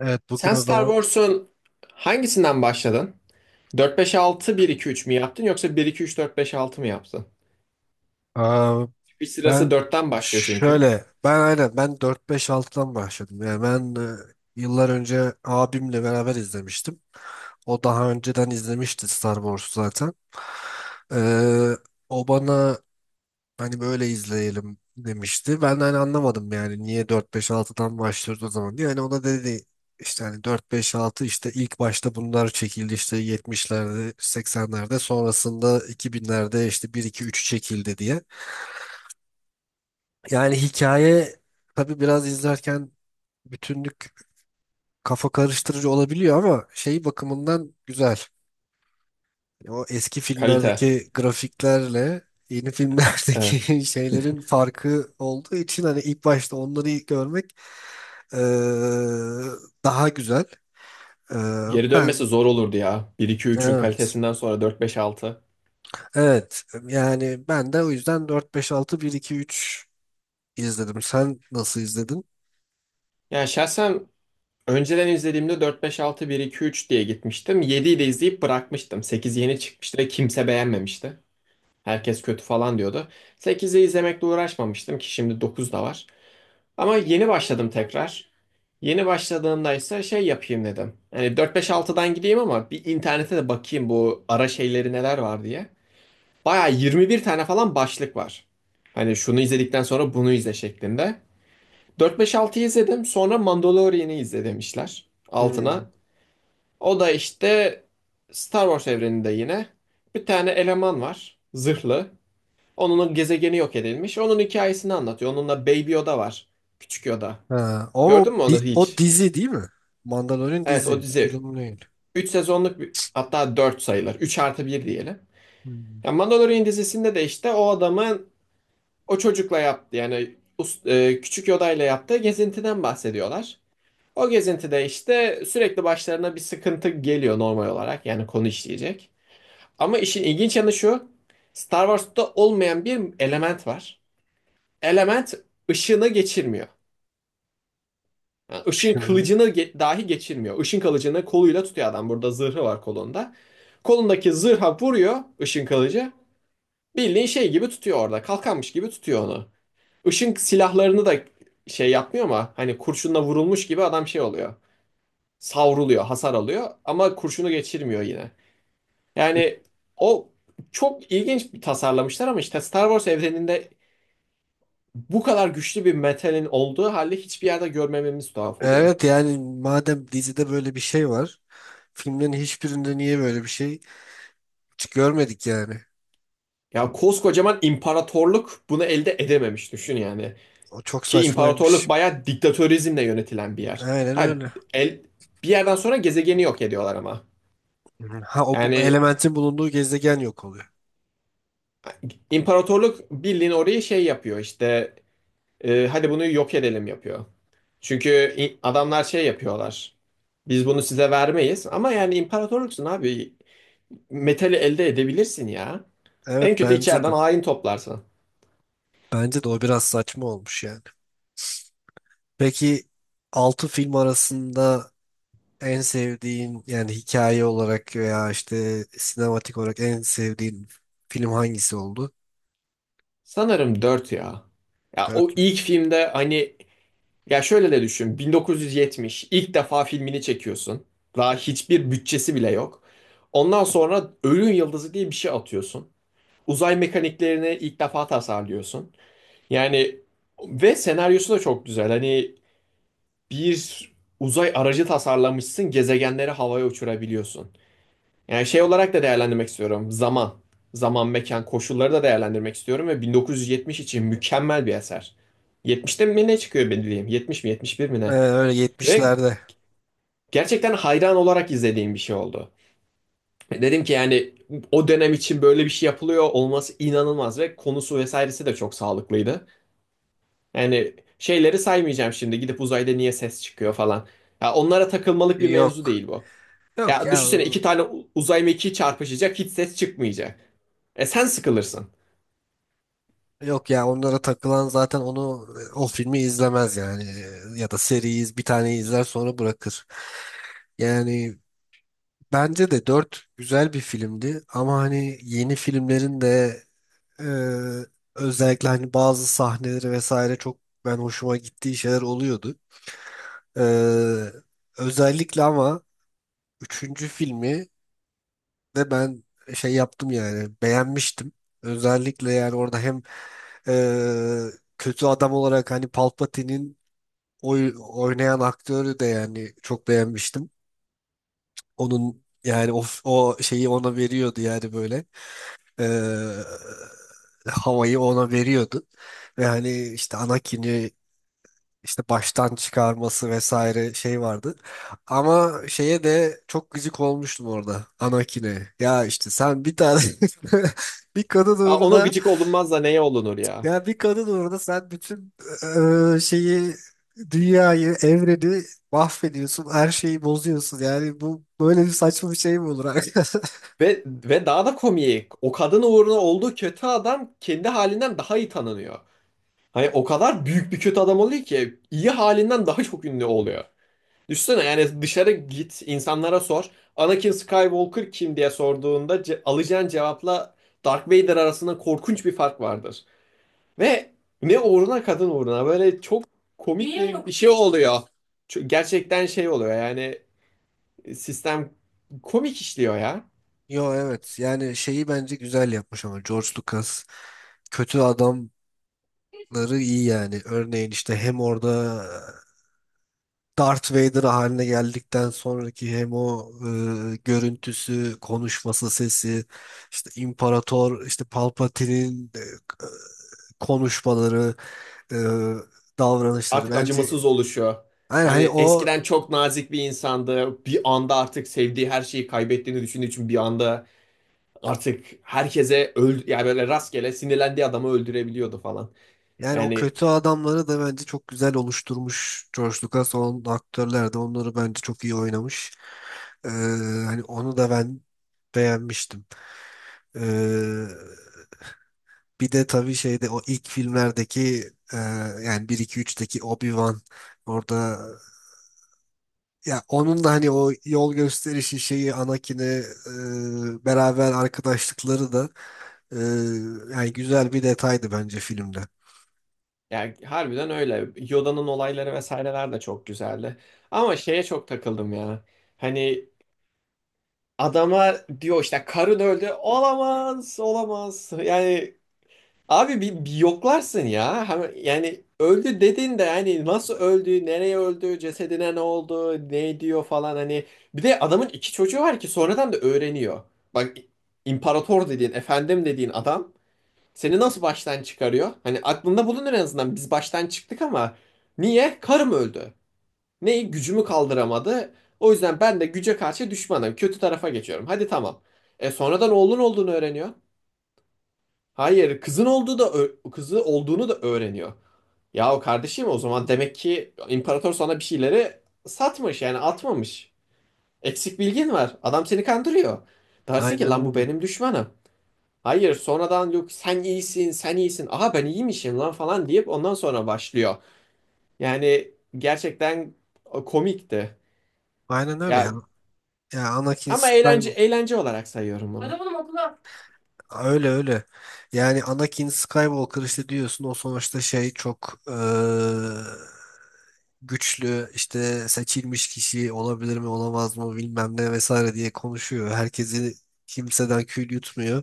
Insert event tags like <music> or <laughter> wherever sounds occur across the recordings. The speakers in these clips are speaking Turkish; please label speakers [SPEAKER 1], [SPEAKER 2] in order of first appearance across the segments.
[SPEAKER 1] Evet, bugün
[SPEAKER 2] Sen
[SPEAKER 1] o
[SPEAKER 2] Star
[SPEAKER 1] zaman.
[SPEAKER 2] Wars'un hangisinden başladın? Dört beş altı bir iki üç mü yaptın yoksa bir iki üç dört beş altı mı yaptın?
[SPEAKER 1] Aa,
[SPEAKER 2] Bir sırası
[SPEAKER 1] ben
[SPEAKER 2] dörtten başlıyor çünkü.
[SPEAKER 1] şöyle ben aynen ben dört beş 6'dan başladım. Yani ben, yıllar önce abimle beraber izlemiştim. O daha önceden izlemişti Star Wars'u zaten. Ee, O bana hani böyle izleyelim demişti. Ben de hani anlamadım yani niye dört beş altıdan başlıyoruz o zaman diye. Hani ona dedi işte hani dört beş altı işte ilk başta bunlar çekildi, işte 70'lerde, 80'lerde, sonrasında 2000'lerde işte bir iki 3 çekildi diye. Yani hikaye, tabii biraz izlerken bütünlük kafa karıştırıcı olabiliyor ama şey bakımından güzel. O eski
[SPEAKER 2] Kalite.
[SPEAKER 1] filmlerdeki grafiklerle yeni
[SPEAKER 2] Evet.
[SPEAKER 1] filmlerdeki <laughs> şeylerin farkı olduğu için hani ilk başta onları ilk görmek eee, daha güzel.
[SPEAKER 2] Geri
[SPEAKER 1] Ben
[SPEAKER 2] dönmesi zor olurdu ya. Bir iki üçün
[SPEAKER 1] evet.
[SPEAKER 2] kalitesinden sonra dört beş altı.
[SPEAKER 1] Evet. Yani ben de o yüzden dört beş altı bir iki üç izledim. Sen nasıl izledin?
[SPEAKER 2] Yani şahsen önceden izlediğimde 4 5 6 1 2 3 diye gitmiştim. 7'yi de izleyip bırakmıştım. 8 yeni çıkmıştı ve kimse beğenmemişti. Herkes kötü falan diyordu. 8'i izlemekle uğraşmamıştım ki şimdi 9 da var. Ama yeni başladım tekrar. Yeni başladığımda ise şey yapayım dedim. Yani 4 5 6'dan gideyim ama bir internete de bakayım bu ara şeyleri neler var diye. Baya 21 tane falan başlık var. Hani şunu izledikten sonra bunu izle şeklinde. 4 5 6'yı izledim. Sonra Mandalorian'ı izle demişler.
[SPEAKER 1] Hmm.
[SPEAKER 2] Altına o da işte Star Wars evreninde yine bir tane eleman var. Zırhlı. Onun gezegeni yok edilmiş. Onun hikayesini anlatıyor. Onunla Baby Yoda var. Küçük Yoda.
[SPEAKER 1] Ha, ama
[SPEAKER 2] Gördün
[SPEAKER 1] o,
[SPEAKER 2] mü onu
[SPEAKER 1] di- o
[SPEAKER 2] hiç?
[SPEAKER 1] dizi değil mi? Mandalorian
[SPEAKER 2] Evet, o
[SPEAKER 1] dizi,
[SPEAKER 2] dizi
[SPEAKER 1] film değil.
[SPEAKER 2] 3 sezonluk bir, hatta 4 sayılır. 3 artı bir diyelim.
[SPEAKER 1] Hmm.
[SPEAKER 2] Ya Mandalorian dizisinde de işte o adamın o çocukla yaptı yani küçük Yoda ile yaptığı gezintiden bahsediyorlar. O gezintide işte sürekli başlarına bir sıkıntı geliyor normal olarak yani konu işleyecek. Ama işin ilginç yanı şu. Star Wars'ta olmayan bir element var. Element ışını geçirmiyor. Yani ışın
[SPEAKER 1] Şimdi.
[SPEAKER 2] kılıcını dahi geçirmiyor. Işın kılıcını koluyla tutuyor adam. Burada zırhı var kolunda. Kolundaki zırha vuruyor ışın kılıcı. Bildiğin şey gibi tutuyor orada. Kalkanmış gibi tutuyor onu. Işın silahlarını da şey yapmıyor ama hani kurşunla vurulmuş gibi adam şey oluyor. Savruluyor, hasar alıyor ama kurşunu geçirmiyor yine. Yani o çok ilginç bir tasarlamışlar ama işte Star Wars evreninde bu kadar güçlü bir metalin olduğu halde hiçbir yerde görmememiz tuhaf oluyor.
[SPEAKER 1] Evet, yani madem dizide böyle bir şey var, filmlerin hiçbirinde niye böyle bir şey hiç görmedik yani.
[SPEAKER 2] Ya koskocaman imparatorluk bunu elde edememiş düşün yani.
[SPEAKER 1] O çok
[SPEAKER 2] Ki imparatorluk
[SPEAKER 1] saçmaymış.
[SPEAKER 2] bayağı diktatörizmle yönetilen bir yer.
[SPEAKER 1] Aynen
[SPEAKER 2] Ha,
[SPEAKER 1] öyle.
[SPEAKER 2] el, bir yerden sonra gezegeni yok ediyorlar ama.
[SPEAKER 1] Ha, o bu
[SPEAKER 2] Yani
[SPEAKER 1] elementin bulunduğu gezegen yok oluyor.
[SPEAKER 2] imparatorluk bildiğin orayı şey yapıyor işte, hadi bunu yok edelim yapıyor. Çünkü adamlar şey yapıyorlar. Biz bunu size vermeyiz. Ama yani imparatorluksun abi. Metali elde edebilirsin ya. En
[SPEAKER 1] Evet,
[SPEAKER 2] kötü
[SPEAKER 1] bence
[SPEAKER 2] içeriden
[SPEAKER 1] de.
[SPEAKER 2] hain toplarsın.
[SPEAKER 1] Bence de o biraz saçma olmuş yani. Peki, 6 film arasında en sevdiğin yani hikaye olarak veya işte sinematik olarak en sevdiğin film hangisi oldu?
[SPEAKER 2] Sanırım 4 ya. Ya o
[SPEAKER 1] 4.
[SPEAKER 2] ilk filmde hani ya şöyle de düşün. 1970, ilk defa filmini çekiyorsun. Daha hiçbir bütçesi bile yok. Ondan sonra Ölüm Yıldızı diye bir şey atıyorsun. Uzay mekaniklerini ilk defa tasarlıyorsun. Yani ve senaryosu da çok güzel. Hani bir uzay aracı tasarlamışsın, gezegenleri havaya uçurabiliyorsun. Yani şey olarak da değerlendirmek istiyorum. Zaman, mekan, koşulları da değerlendirmek istiyorum ve 1970 için mükemmel bir eser. 70'te mi ne çıkıyor bildiğim? 70 mi 71 mi ne?
[SPEAKER 1] Öyle,
[SPEAKER 2] Ve
[SPEAKER 1] 70'lerde.
[SPEAKER 2] gerçekten hayran olarak izlediğim bir şey oldu. Dedim ki yani o dönem için böyle bir şey yapılıyor olması inanılmaz ve konusu vesairesi de çok sağlıklıydı. Yani şeyleri saymayacağım şimdi, gidip uzayda niye ses çıkıyor falan. Ya onlara takılmalık bir mevzu
[SPEAKER 1] Yok.
[SPEAKER 2] değil bu.
[SPEAKER 1] Yok
[SPEAKER 2] Ya
[SPEAKER 1] ya.
[SPEAKER 2] düşünsene, iki tane uzay mekiği çarpışacak hiç ses çıkmayacak. E sen sıkılırsın.
[SPEAKER 1] Yok ya, onlara takılan zaten o filmi izlemez yani. Ya da bir tane izler, sonra bırakır. Yani bence de 4 güzel bir filmdi ama hani yeni filmlerin de, e, özellikle hani bazı sahneleri vesaire, çok ben hoşuma gittiği şeyler oluyordu. E, Özellikle ama üçüncü filmi de ben şey yaptım yani beğenmiştim. Özellikle yani orada hem e, kötü adam olarak hani Palpatine'in oynayan aktörü de yani çok beğenmiştim. Onun yani o şeyi ona veriyordu yani böyle, eee, havayı ona veriyordu. Ve hani işte Anakin'i işte baştan çıkarması vesaire şey vardı. Ama şeye de çok gıcık olmuştum orada, Anakin'e. Ya işte sen bir tane <laughs> bir kadın
[SPEAKER 2] Ya ona
[SPEAKER 1] uğruna,
[SPEAKER 2] gıcık olunmaz da neye olunur ya?
[SPEAKER 1] ya bir kadın orada sen bütün şeyi, dünyayı, evreni mahvediyorsun, her şeyi bozuyorsun. Yani bu böyle bir saçma bir şey mi olur arkadaş? <laughs>
[SPEAKER 2] Ve daha da komiği, o kadın uğruna olduğu kötü adam kendi halinden daha iyi tanınıyor. Hani o kadar büyük bir kötü adam oluyor ki iyi halinden daha çok ünlü oluyor. Düşünsene yani, dışarı git, insanlara sor. Anakin Skywalker kim diye sorduğunda alacağın cevapla Darth Vader arasında korkunç bir fark vardır. Ve ne uğruna, kadın uğruna, böyle çok komik. Niye bir yok, şey yok oluyor. Gerçekten şey oluyor yani, sistem komik işliyor ya.
[SPEAKER 1] Yo, evet yani şeyi bence güzel yapmış ama George Lucas kötü adamları iyi yani. Örneğin işte hem orada, Darth Vader haline geldikten sonraki, hem o, görüntüsü, konuşması, sesi, işte İmparator, işte Palpatine'in, konuşmaları, e, davranışları.
[SPEAKER 2] Artık
[SPEAKER 1] Bence
[SPEAKER 2] acımasız oluşuyor.
[SPEAKER 1] yani
[SPEAKER 2] Hani
[SPEAKER 1] hani o
[SPEAKER 2] eskiden çok nazik bir insandı. Bir anda artık sevdiği her şeyi kaybettiğini düşündüğü için bir anda artık herkese öl yani, böyle rastgele sinirlendiği adamı öldürebiliyordu falan.
[SPEAKER 1] yani o
[SPEAKER 2] Yani
[SPEAKER 1] kötü adamları da bence çok güzel oluşturmuş George Lucas. O aktörler de onları bence çok iyi oynamış. E, Hani onu da ben beğenmiştim. E, Bir de tabii şeyde o ilk filmlerdeki, yani bir 2 üçteki Obi-Wan orada, ya onun da hani o yol gösterişi şeyi Anakin'e, e, beraber arkadaşlıkları da, e, yani güzel bir detaydı bence filmde.
[SPEAKER 2] yani harbiden öyle. Yoda'nın olayları vesaireler de çok güzeldi. Ama şeye çok takıldım ya. Hani adama diyor işte karın öldü. Olamaz, olamaz. Yani abi bir yoklarsın ya. Yani öldü dedin de yani nasıl öldü, nereye öldü, cesedine ne oldu, ne diyor falan hani. Bir de adamın iki çocuğu var ki sonradan da öğreniyor. Bak, imparator dediğin, efendim dediğin adam seni nasıl baştan çıkarıyor? Hani aklında bulunur en azından, biz baştan çıktık ama niye? Karım öldü. Neyi? Gücümü kaldıramadı. O yüzden ben de güce karşı düşmanım. Kötü tarafa geçiyorum. Hadi tamam. E sonradan oğlun olduğunu öğreniyor. Hayır, kızın olduğu da kızı olduğunu da öğreniyor. Yahu kardeşim, o zaman demek ki imparator sana bir şeyleri satmış yani atmamış. Eksik bilgin var. Adam seni kandırıyor. Dersin ki
[SPEAKER 1] Aynen
[SPEAKER 2] lan bu
[SPEAKER 1] öyle.
[SPEAKER 2] benim düşmanım. Hayır, sonradan yok sen iyisin, sen iyisin. Aha ben iyiymişim lan falan deyip ondan sonra başlıyor. Yani gerçekten komikti.
[SPEAKER 1] Aynen öyle ya.
[SPEAKER 2] Ya
[SPEAKER 1] Ya Anakin
[SPEAKER 2] ama eğlence,
[SPEAKER 1] Skywalker.
[SPEAKER 2] eğlence olarak sayıyorum bunu. Adamın okula.
[SPEAKER 1] Öyle öyle. Yani Anakin Skywalker işte diyorsun o sonuçta şey çok güçlü işte seçilmiş kişi olabilir mi olamaz mı bilmem ne vesaire diye konuşuyor. Kimseden kül yutmuyor.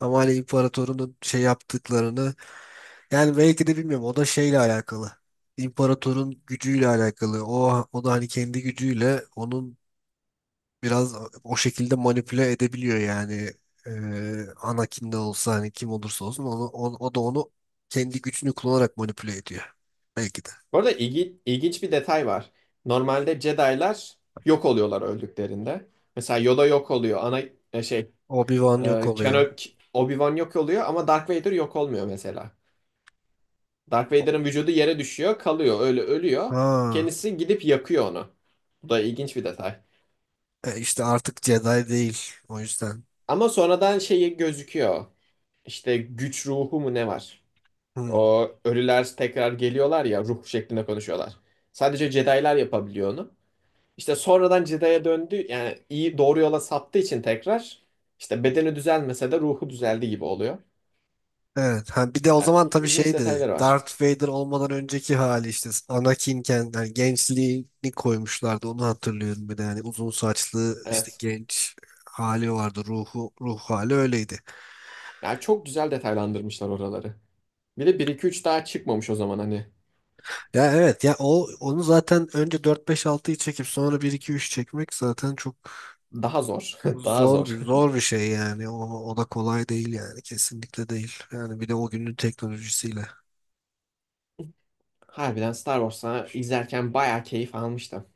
[SPEAKER 1] Ama hani imparatorunun şey yaptıklarını, yani belki de bilmiyorum, o da şeyle alakalı. İmparatorun gücüyle alakalı. O da hani kendi gücüyle onun biraz o şekilde manipüle edebiliyor yani. Anakin de olsa hani kim olursa olsun onu, o da onu kendi gücünü kullanarak manipüle ediyor belki de.
[SPEAKER 2] Bu arada ilginç bir detay var. Normalde Jedi'lar yok oluyorlar öldüklerinde. Mesela Yoda yok oluyor. Ana e, şey e,
[SPEAKER 1] Obi-Wan yok oluyor.
[SPEAKER 2] Keno- K- Obi-Wan yok oluyor ama Darth Vader yok olmuyor mesela. Darth
[SPEAKER 1] O-
[SPEAKER 2] Vader'ın vücudu yere düşüyor, kalıyor, öyle ölüyor.
[SPEAKER 1] Ha,
[SPEAKER 2] Kendisi gidip yakıyor onu. Bu da ilginç bir detay.
[SPEAKER 1] işte artık Jedi değil o yüzden.
[SPEAKER 2] Ama sonradan şeyi gözüküyor. İşte güç ruhu mu ne var?
[SPEAKER 1] Hmm.
[SPEAKER 2] O ölüler tekrar geliyorlar ya, ruh şeklinde konuşuyorlar. Sadece Jedi'lar yapabiliyor onu. İşte sonradan cidaya döndü yani, iyi doğru yola saptığı için tekrar işte bedeni düzelmese de ruhu düzeldi gibi oluyor.
[SPEAKER 1] Evet. Ha, bir de o
[SPEAKER 2] Yani
[SPEAKER 1] zaman tabii
[SPEAKER 2] ilginç
[SPEAKER 1] şeydi.
[SPEAKER 2] detayları var.
[SPEAKER 1] Darth Vader olmadan önceki hali işte Anakin'ken, yani gençliğini koymuşlardı. Onu hatırlıyorum bir de, yani uzun saçlı işte
[SPEAKER 2] Evet.
[SPEAKER 1] genç hali vardı. Ruh hali öyleydi.
[SPEAKER 2] Yani çok güzel detaylandırmışlar oraları. Bir de 1-2-3 daha çıkmamış o zaman hani.
[SPEAKER 1] Ya evet ya, o onu zaten önce 4 5 altıyı çekip sonra bir 2 3 çekmek zaten çok
[SPEAKER 2] Daha zor. <laughs> Daha
[SPEAKER 1] zor bir
[SPEAKER 2] zor.
[SPEAKER 1] zor bir şey yani. O da kolay değil yani, kesinlikle değil. Yani bir de o günün teknolojisiyle.
[SPEAKER 2] Harbiden Star Wars'a izlerken bayağı keyif almıştım.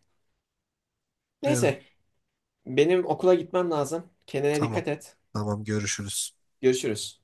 [SPEAKER 1] Evet,
[SPEAKER 2] Neyse, benim okula gitmem lazım. Kendine
[SPEAKER 1] tamam.
[SPEAKER 2] dikkat et.
[SPEAKER 1] Tamam, görüşürüz.
[SPEAKER 2] Görüşürüz.